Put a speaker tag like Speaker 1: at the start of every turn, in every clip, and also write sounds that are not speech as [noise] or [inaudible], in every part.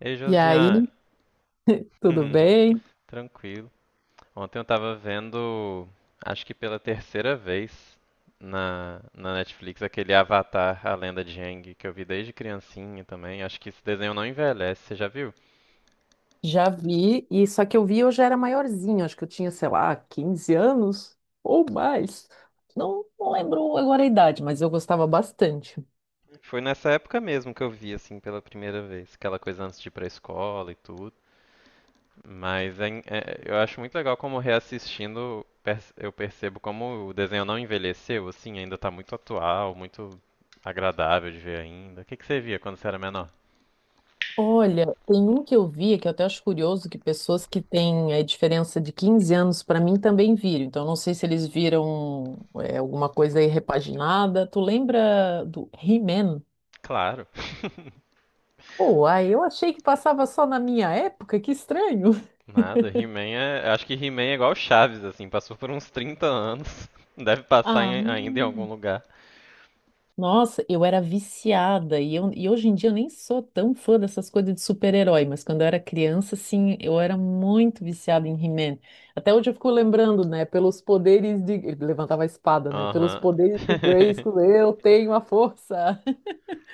Speaker 1: Ei,
Speaker 2: E aí,
Speaker 1: Josiane.
Speaker 2: tudo
Speaker 1: [laughs]
Speaker 2: bem?
Speaker 1: Tranquilo. Ontem eu tava vendo, acho que pela terceira vez na Netflix, aquele Avatar, a Lenda de Aang, que eu vi desde criancinha também. Acho que esse desenho não envelhece, você já viu?
Speaker 2: Já vi, e só que eu vi eu já era maiorzinha, acho que eu tinha, sei lá, 15 anos ou mais. Não, não lembro agora a idade, mas eu gostava bastante.
Speaker 1: Foi nessa época mesmo que eu vi, assim, pela primeira vez. Aquela coisa antes de ir pra escola e tudo. Mas eu acho muito legal como eu percebo como o desenho não envelheceu, assim, ainda tá muito atual, muito agradável de ver ainda. O que que você via quando você era menor?
Speaker 2: Olha, tem um que eu vi que eu até acho curioso que pessoas que têm a diferença de 15 anos para mim também viram. Então, não sei se eles viram alguma coisa aí repaginada. Tu lembra do He-Man?
Speaker 1: Claro. [laughs]
Speaker 2: Pô, aí eu achei que passava só na minha época, que estranho. [laughs]
Speaker 1: Nada, He-Man é. Eu Acho que He-Man é igual Chaves, assim, passou por uns 30 anos. [laughs] Deve passar
Speaker 2: Ah,
Speaker 1: ainda em algum lugar.
Speaker 2: nossa, eu era viciada e hoje em dia eu nem sou tão fã dessas coisas de super-herói, mas quando eu era criança, assim, eu era muito viciada em He-Man. Até hoje eu fico lembrando, né, pelos poderes de. Ele levantava a espada, né? Pelos
Speaker 1: Aham.
Speaker 2: poderes de
Speaker 1: [laughs]
Speaker 2: Grayskull, eu tenho a força.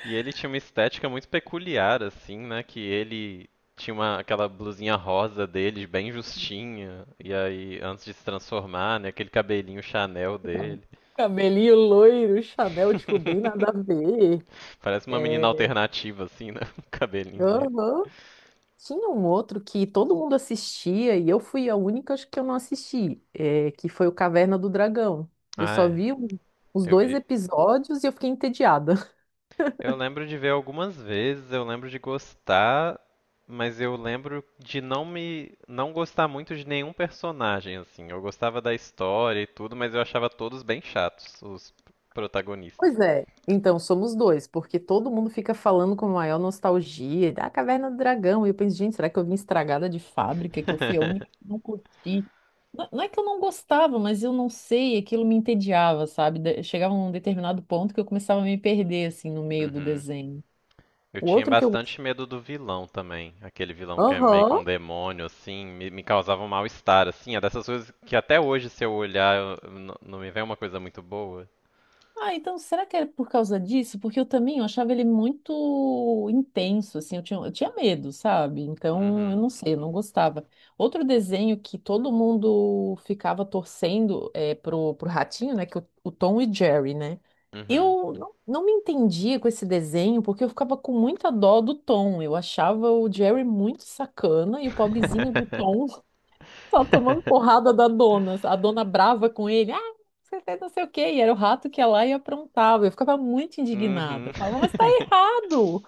Speaker 1: E ele tinha uma estética muito peculiar, assim, né? Que ele tinha uma, aquela blusinha rosa dele, bem justinha, e aí, antes de se transformar, né? Aquele cabelinho Chanel
Speaker 2: [laughs] Cab-
Speaker 1: dele.
Speaker 2: Cabelinho loiro, Chanel, tipo, bem nada a
Speaker 1: [laughs]
Speaker 2: ver.
Speaker 1: Parece uma menina
Speaker 2: É,
Speaker 1: alternativa, assim, né? [laughs] O cabelinho dele.
Speaker 2: aham. Tinha um outro que todo mundo assistia e eu fui a única, acho que eu não assisti, que foi o Caverna do Dragão. Eu
Speaker 1: Ah,
Speaker 2: só
Speaker 1: é.
Speaker 2: vi os
Speaker 1: Eu
Speaker 2: dois
Speaker 1: vi,
Speaker 2: episódios e eu fiquei entediada. [laughs]
Speaker 1: eu lembro de ver algumas vezes, eu lembro de gostar, mas eu lembro de não gostar muito de nenhum personagem assim. Eu gostava da história e tudo, mas eu achava todos bem chatos, os protagonistas.
Speaker 2: Pois é. Então, somos dois, porque todo mundo fica falando com maior nostalgia da Caverna do Dragão. E eu penso, gente, será que eu vim estragada de fábrica, que eu fui a única que
Speaker 1: [laughs]
Speaker 2: não curti? Não, não é que eu não gostava, mas eu não sei, aquilo me entediava, sabe? Chegava num determinado ponto que eu começava a me perder, assim, no meio do
Speaker 1: Uhum.
Speaker 2: desenho.
Speaker 1: Eu
Speaker 2: O
Speaker 1: tinha
Speaker 2: outro que eu
Speaker 1: bastante medo do vilão também, aquele vilão que é meio que
Speaker 2: gostava.
Speaker 1: um demônio assim, me causava um mal-estar assim, é dessas coisas que até hoje se eu olhar não me vem uma coisa muito boa.
Speaker 2: Ah, então será que é por causa disso? Porque eu também eu achava ele muito intenso, assim, eu tinha medo, sabe? Então, eu
Speaker 1: Uhum.
Speaker 2: não sei, eu não gostava. Outro desenho que todo mundo ficava torcendo pro ratinho, né? Que o Tom e Jerry, né?
Speaker 1: Uhum.
Speaker 2: Eu não me entendia com esse desenho, porque eu ficava com muita dó do Tom. Eu achava o Jerry muito sacana e o pobrezinho do Tom
Speaker 1: [laughs]
Speaker 2: só tomando porrada da dona. A dona brava com ele. Ah, você fez não sei o quê. E era o rato que ia lá e aprontava. Eu ficava muito indignada.
Speaker 1: Uhum.
Speaker 2: Eu falava, mas tá
Speaker 1: [laughs]
Speaker 2: errado.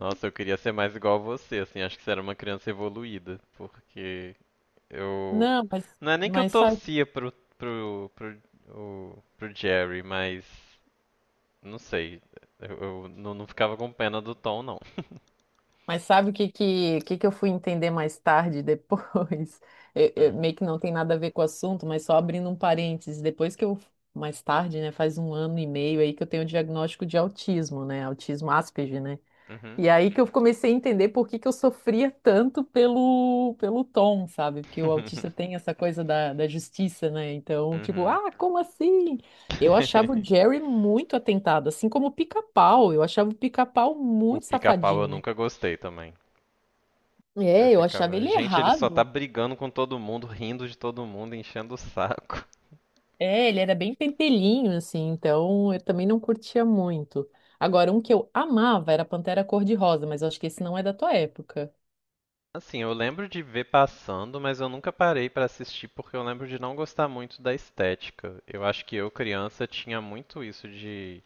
Speaker 1: Nossa, eu queria ser mais igual a você, assim, acho que você era uma criança evoluída, porque eu,
Speaker 2: Não,
Speaker 1: não é nem que eu
Speaker 2: mas sabe,
Speaker 1: torcia pro pro pro Jerry, mas não sei, eu não ficava com pena do Tom não.
Speaker 2: mas sabe o que eu fui entender mais tarde, depois? [laughs] Eu- eu-
Speaker 1: Hum.
Speaker 2: meio que não tem nada a ver com o assunto, mas só abrindo um parênteses. Mais tarde, né, faz um ano e meio aí que eu tenho o diagnóstico de autismo, né? Autismo Asperger, né?
Speaker 1: Uhum.
Speaker 2: E aí que eu comecei a entender por que que eu sofria tanto pelo tom, sabe? Porque o autista tem
Speaker 1: [laughs]
Speaker 2: essa coisa da justiça, né? Então, tipo,
Speaker 1: Uhum.
Speaker 2: ah, como assim? Eu achava o
Speaker 1: [laughs]
Speaker 2: Jerry muito atentado, assim como o Pica-Pau. Eu achava o Pica-Pau
Speaker 1: O
Speaker 2: muito
Speaker 1: pica-pau eu
Speaker 2: safadinho.
Speaker 1: nunca gostei também. Eu
Speaker 2: É, eu achava
Speaker 1: ficava,
Speaker 2: ele
Speaker 1: gente, ele só tá
Speaker 2: errado.
Speaker 1: brigando com todo mundo, rindo de todo mundo, enchendo o saco.
Speaker 2: É, ele era bem pentelhinho, assim, então eu também não curtia muito. Agora, um que eu amava era Pantera Cor-de-Rosa, mas eu acho que esse não é da tua época.
Speaker 1: Assim, eu lembro de ver passando, mas eu nunca parei pra assistir porque eu lembro de não gostar muito da estética. Eu acho que eu, criança, tinha muito isso de,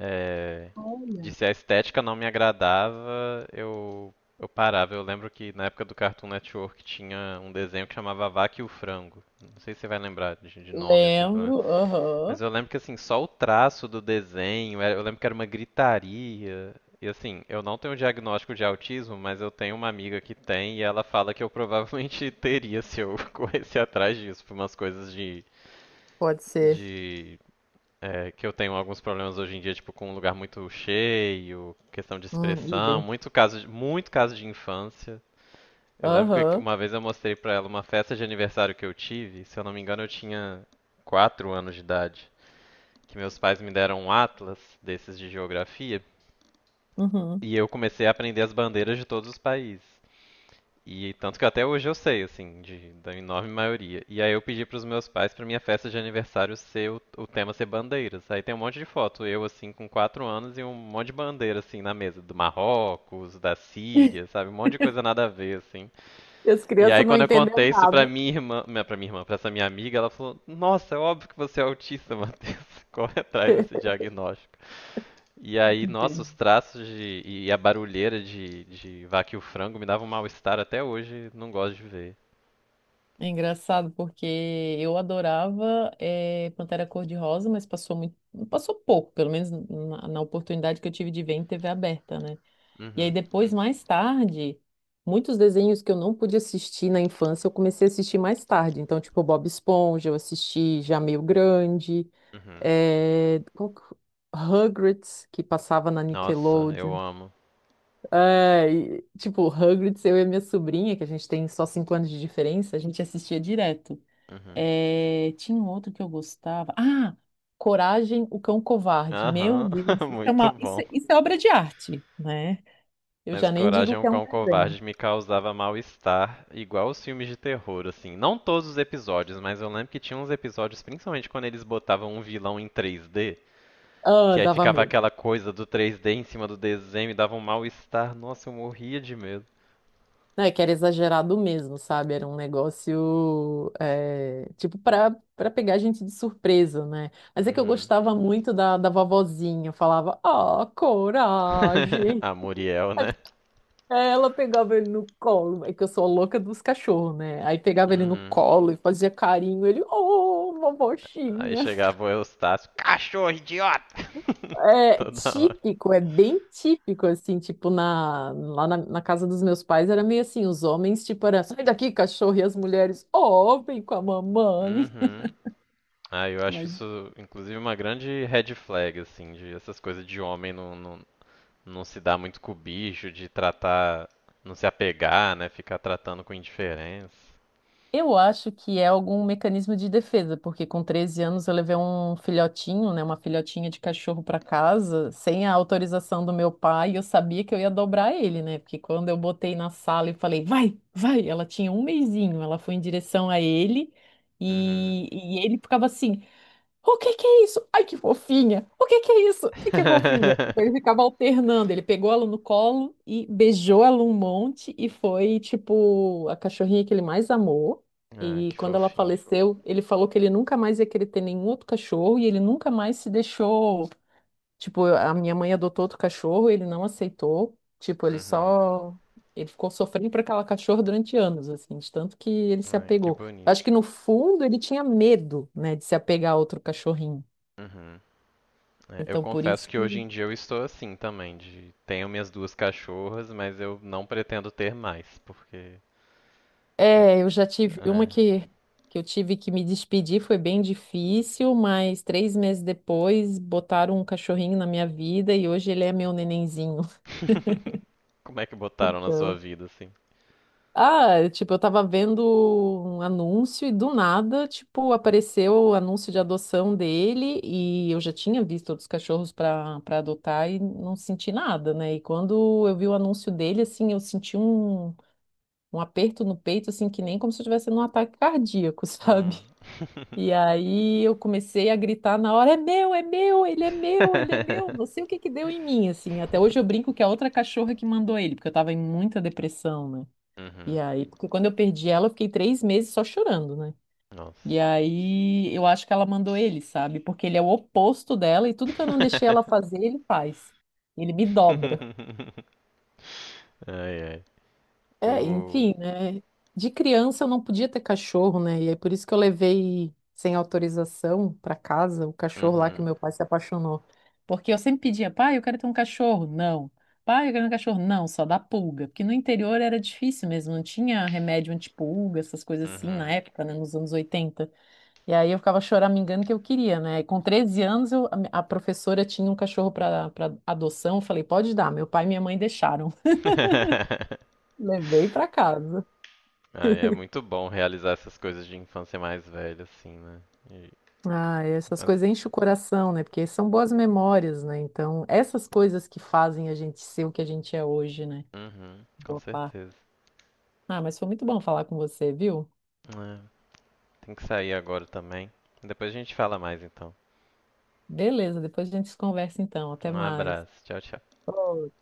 Speaker 1: eh, de,
Speaker 2: Olha.
Speaker 1: se a estética não me agradava, eu parava. Eu lembro que na época do Cartoon Network tinha um desenho que chamava A Vaca e o Frango. Não sei se você vai lembrar de nome, assim, pelo,
Speaker 2: Lembro, aham.
Speaker 1: mas eu lembro que assim, só o traço do desenho, eu lembro que era uma gritaria. E assim, eu não tenho diagnóstico de autismo, mas eu tenho uma amiga que tem e ela fala que eu provavelmente [laughs] teria se eu [laughs] corresse atrás disso, por umas coisas de,
Speaker 2: Pode ser.
Speaker 1: de é, que eu tenho alguns problemas hoje em dia, tipo com um lugar muito cheio, questão de expressão,
Speaker 2: Idem.
Speaker 1: muito caso, muito caso de infância. Eu lembro que
Speaker 2: Aham.
Speaker 1: uma vez eu mostrei pra ela uma festa de aniversário que eu tive, se eu não me engano eu tinha quatro anos de idade, que meus pais me deram um atlas desses de geografia
Speaker 2: Uhum.
Speaker 1: e eu comecei a aprender as bandeiras de todos os países. E tanto que até hoje eu sei, assim, de, da enorme maioria. E aí eu pedi pros meus pais pra minha festa de aniversário ser o tema ser bandeiras. Aí tem um monte de foto, eu assim com quatro anos e um monte de bandeira assim na mesa, do Marrocos, da Síria, sabe, um monte de coisa nada a ver assim.
Speaker 2: E as
Speaker 1: E aí
Speaker 2: crianças não
Speaker 1: quando eu
Speaker 2: entenderam
Speaker 1: contei isso pra
Speaker 2: nada.
Speaker 1: minha irmã, pra essa minha amiga, ela falou: "Nossa, é óbvio que você é autista, [laughs] Matheus. Corre atrás desse diagnóstico." E aí, nossa,
Speaker 2: Entendi.
Speaker 1: os traços de, e a barulheira de Vaca e o Frango me davam um mal-estar até hoje, não gosto de ver.
Speaker 2: É engraçado porque eu adorava Pantera Cor-de-Rosa, mas passou muito, passou pouco, pelo menos na, na oportunidade que eu tive de ver em TV aberta, né? E aí
Speaker 1: Uhum,
Speaker 2: depois, mais tarde, muitos desenhos que eu não pude assistir na infância, eu comecei a assistir mais tarde. Então, tipo, Bob Esponja, eu assisti já meio grande,
Speaker 1: uhum.
Speaker 2: eh, qual que- Rugrats, que passava na
Speaker 1: Nossa, eu
Speaker 2: Nickelodeon.
Speaker 1: amo.
Speaker 2: É, e, tipo, Hagrid, eu e a minha sobrinha, que a gente tem só 5 anos de diferença, a gente assistia direto.
Speaker 1: Uhum.
Speaker 2: É, tinha um outro que eu gostava. Ah, Coragem, o Cão Covarde. Meu
Speaker 1: Aham,
Speaker 2: Deus,
Speaker 1: [laughs]
Speaker 2: isso é
Speaker 1: muito
Speaker 2: uma, isso,
Speaker 1: bom.
Speaker 2: é- isso é obra de arte, né? Eu
Speaker 1: Mas
Speaker 2: já nem
Speaker 1: Coragem
Speaker 2: digo
Speaker 1: é
Speaker 2: que
Speaker 1: um
Speaker 2: é um
Speaker 1: Cão
Speaker 2: desenho.
Speaker 1: Covarde me causava mal-estar, igual os filmes de terror, assim. Não todos os episódios, mas eu lembro que tinha uns episódios, principalmente quando eles botavam um vilão em 3D,
Speaker 2: Ah,
Speaker 1: que aí
Speaker 2: dava
Speaker 1: ficava
Speaker 2: medo.
Speaker 1: aquela coisa do 3D em cima do desenho e dava um mal-estar. Nossa, eu morria de medo.
Speaker 2: Não, é que era exagerado mesmo, sabe? Era um negócio, é, tipo, pra, pra pegar a gente de surpresa, né? Mas é que eu
Speaker 1: Uhum.
Speaker 2: gostava muito da vovozinha. Eu falava, ah,
Speaker 1: [laughs]
Speaker 2: coragem.
Speaker 1: A Muriel, né?
Speaker 2: É, ela pegava ele no colo, é que eu sou a louca dos cachorros, né? Aí pegava ele no
Speaker 1: Uhum.
Speaker 2: colo e fazia carinho, ele, oh,
Speaker 1: Aí
Speaker 2: bobochinha.
Speaker 1: chegava o Eustácio, cachorro idiota! [laughs]
Speaker 2: É
Speaker 1: Toda hora.
Speaker 2: típico, é bem típico, assim, tipo, lá na casa dos meus pais era meio assim, os homens, tipo, era, sai daqui, cachorro, e as mulheres, oh, vem com a mamãe.
Speaker 1: Uhum. Ah, eu acho
Speaker 2: Mas
Speaker 1: isso, inclusive, uma grande red flag, assim, de essas coisas de homem não se dar muito com o bicho, de tratar, não se apegar, né? Ficar tratando com indiferença.
Speaker 2: eu acho que é algum mecanismo de defesa, porque com 13 anos eu levei um filhotinho, né, uma filhotinha de cachorro para casa, sem a autorização do meu pai, e eu sabia que eu ia dobrar ele, né? Porque quando eu botei na sala e falei, vai, vai, ela tinha um mesinho, ela foi em direção a ele,
Speaker 1: Uhum.
Speaker 2: e ele ficava assim. O que que é isso? Ai, que fofinha! O que que é isso? Ai, que fofinha! Ele ficava
Speaker 1: [laughs]
Speaker 2: alternando, ele pegou ela no colo e beijou ela um monte e foi, tipo, a cachorrinha que ele mais amou.
Speaker 1: Ah,
Speaker 2: E
Speaker 1: que
Speaker 2: quando ela
Speaker 1: fofinho.
Speaker 2: faleceu, ele falou que ele nunca mais ia querer ter nenhum outro cachorro e ele nunca mais se deixou. Tipo, a minha mãe adotou outro cachorro, ele não aceitou. Tipo, ele
Speaker 1: Uhum.
Speaker 2: só. Ele ficou sofrendo por aquela cachorra durante anos, assim, de tanto que ele se
Speaker 1: Ai, que
Speaker 2: apegou. Acho
Speaker 1: bonito.
Speaker 2: que no fundo ele tinha medo, né, de se apegar a outro cachorrinho.
Speaker 1: Uhum. É, eu
Speaker 2: Então, por
Speaker 1: confesso
Speaker 2: isso
Speaker 1: que hoje
Speaker 2: que.
Speaker 1: em dia eu estou assim também, de tenho minhas duas cachorras, mas eu não pretendo ter mais, porque n-
Speaker 2: É, eu já tive uma
Speaker 1: é.
Speaker 2: que eu tive que me despedir, foi bem difícil, mas 3 meses depois botaram um cachorrinho na minha vida e hoje ele é meu nenenzinho.
Speaker 1: [laughs] Como é que botaram na sua
Speaker 2: [laughs]
Speaker 1: vida assim?
Speaker 2: Ah, tipo, eu tava vendo um anúncio e do nada, tipo, apareceu o anúncio de adoção dele e eu já tinha visto outros cachorros para adotar e não senti nada, né? E quando eu vi o anúncio dele, assim, eu senti um aperto no peito, assim, que nem como se eu estivesse num ataque cardíaco, [laughs]
Speaker 1: Hum.
Speaker 2: sabe? E aí eu comecei a gritar na hora, é meu, ele é meu, ele é meu. Não sei o
Speaker 1: [laughs]
Speaker 2: que que deu em mim, assim. Até hoje eu brinco que é a outra cachorra que mandou ele, porque eu tava em muita depressão, né? E
Speaker 1: Uhum.
Speaker 2: aí, porque quando eu perdi ela, eu fiquei 3 meses só chorando, né? E
Speaker 1: Nossa.
Speaker 2: aí, eu acho que ela mandou ele, sabe? Porque ele é o oposto dela e tudo que eu não deixei ela fazer, ele faz. Ele me dobra.
Speaker 1: [laughs] Ai, ai.
Speaker 2: É,
Speaker 1: O...
Speaker 2: enfim, né? De criança eu não podia ter cachorro, né? E é por isso que eu levei sem autorização para casa o cachorro lá que
Speaker 1: Uhum.
Speaker 2: o meu pai se apaixonou. Porque eu sempre pedia, pai, eu quero ter um cachorro. Não. Pai, eu quero um cachorro. Não, só dá pulga. Porque no interior era difícil mesmo, não tinha remédio antipulga, essas coisas assim na
Speaker 1: Uhum.
Speaker 2: época, né? Nos anos 80. E aí eu ficava choramingando que eu queria, né? E com 13 anos eu- a professora tinha um cachorro para adoção. Eu falei, pode dar. Meu pai e minha mãe deixaram. [laughs]
Speaker 1: [laughs]
Speaker 2: Levei para casa.
Speaker 1: Ai, é muito bom realizar essas coisas de infância mais velha, assim, né? E,
Speaker 2: Ah, essas coisas enchem o coração, né? Porque são boas memórias, né? Então, essas coisas que fazem a gente ser o que a gente é hoje, né?
Speaker 1: uhum, com
Speaker 2: Boa parte.
Speaker 1: certeza.
Speaker 2: Ah, mas foi muito bom falar com você, viu?
Speaker 1: É, tem que sair agora também. Depois a gente fala mais então.
Speaker 2: Beleza, depois a gente se conversa então. Até
Speaker 1: Um
Speaker 2: mais.
Speaker 1: abraço. Tchau, tchau.
Speaker 2: Ô,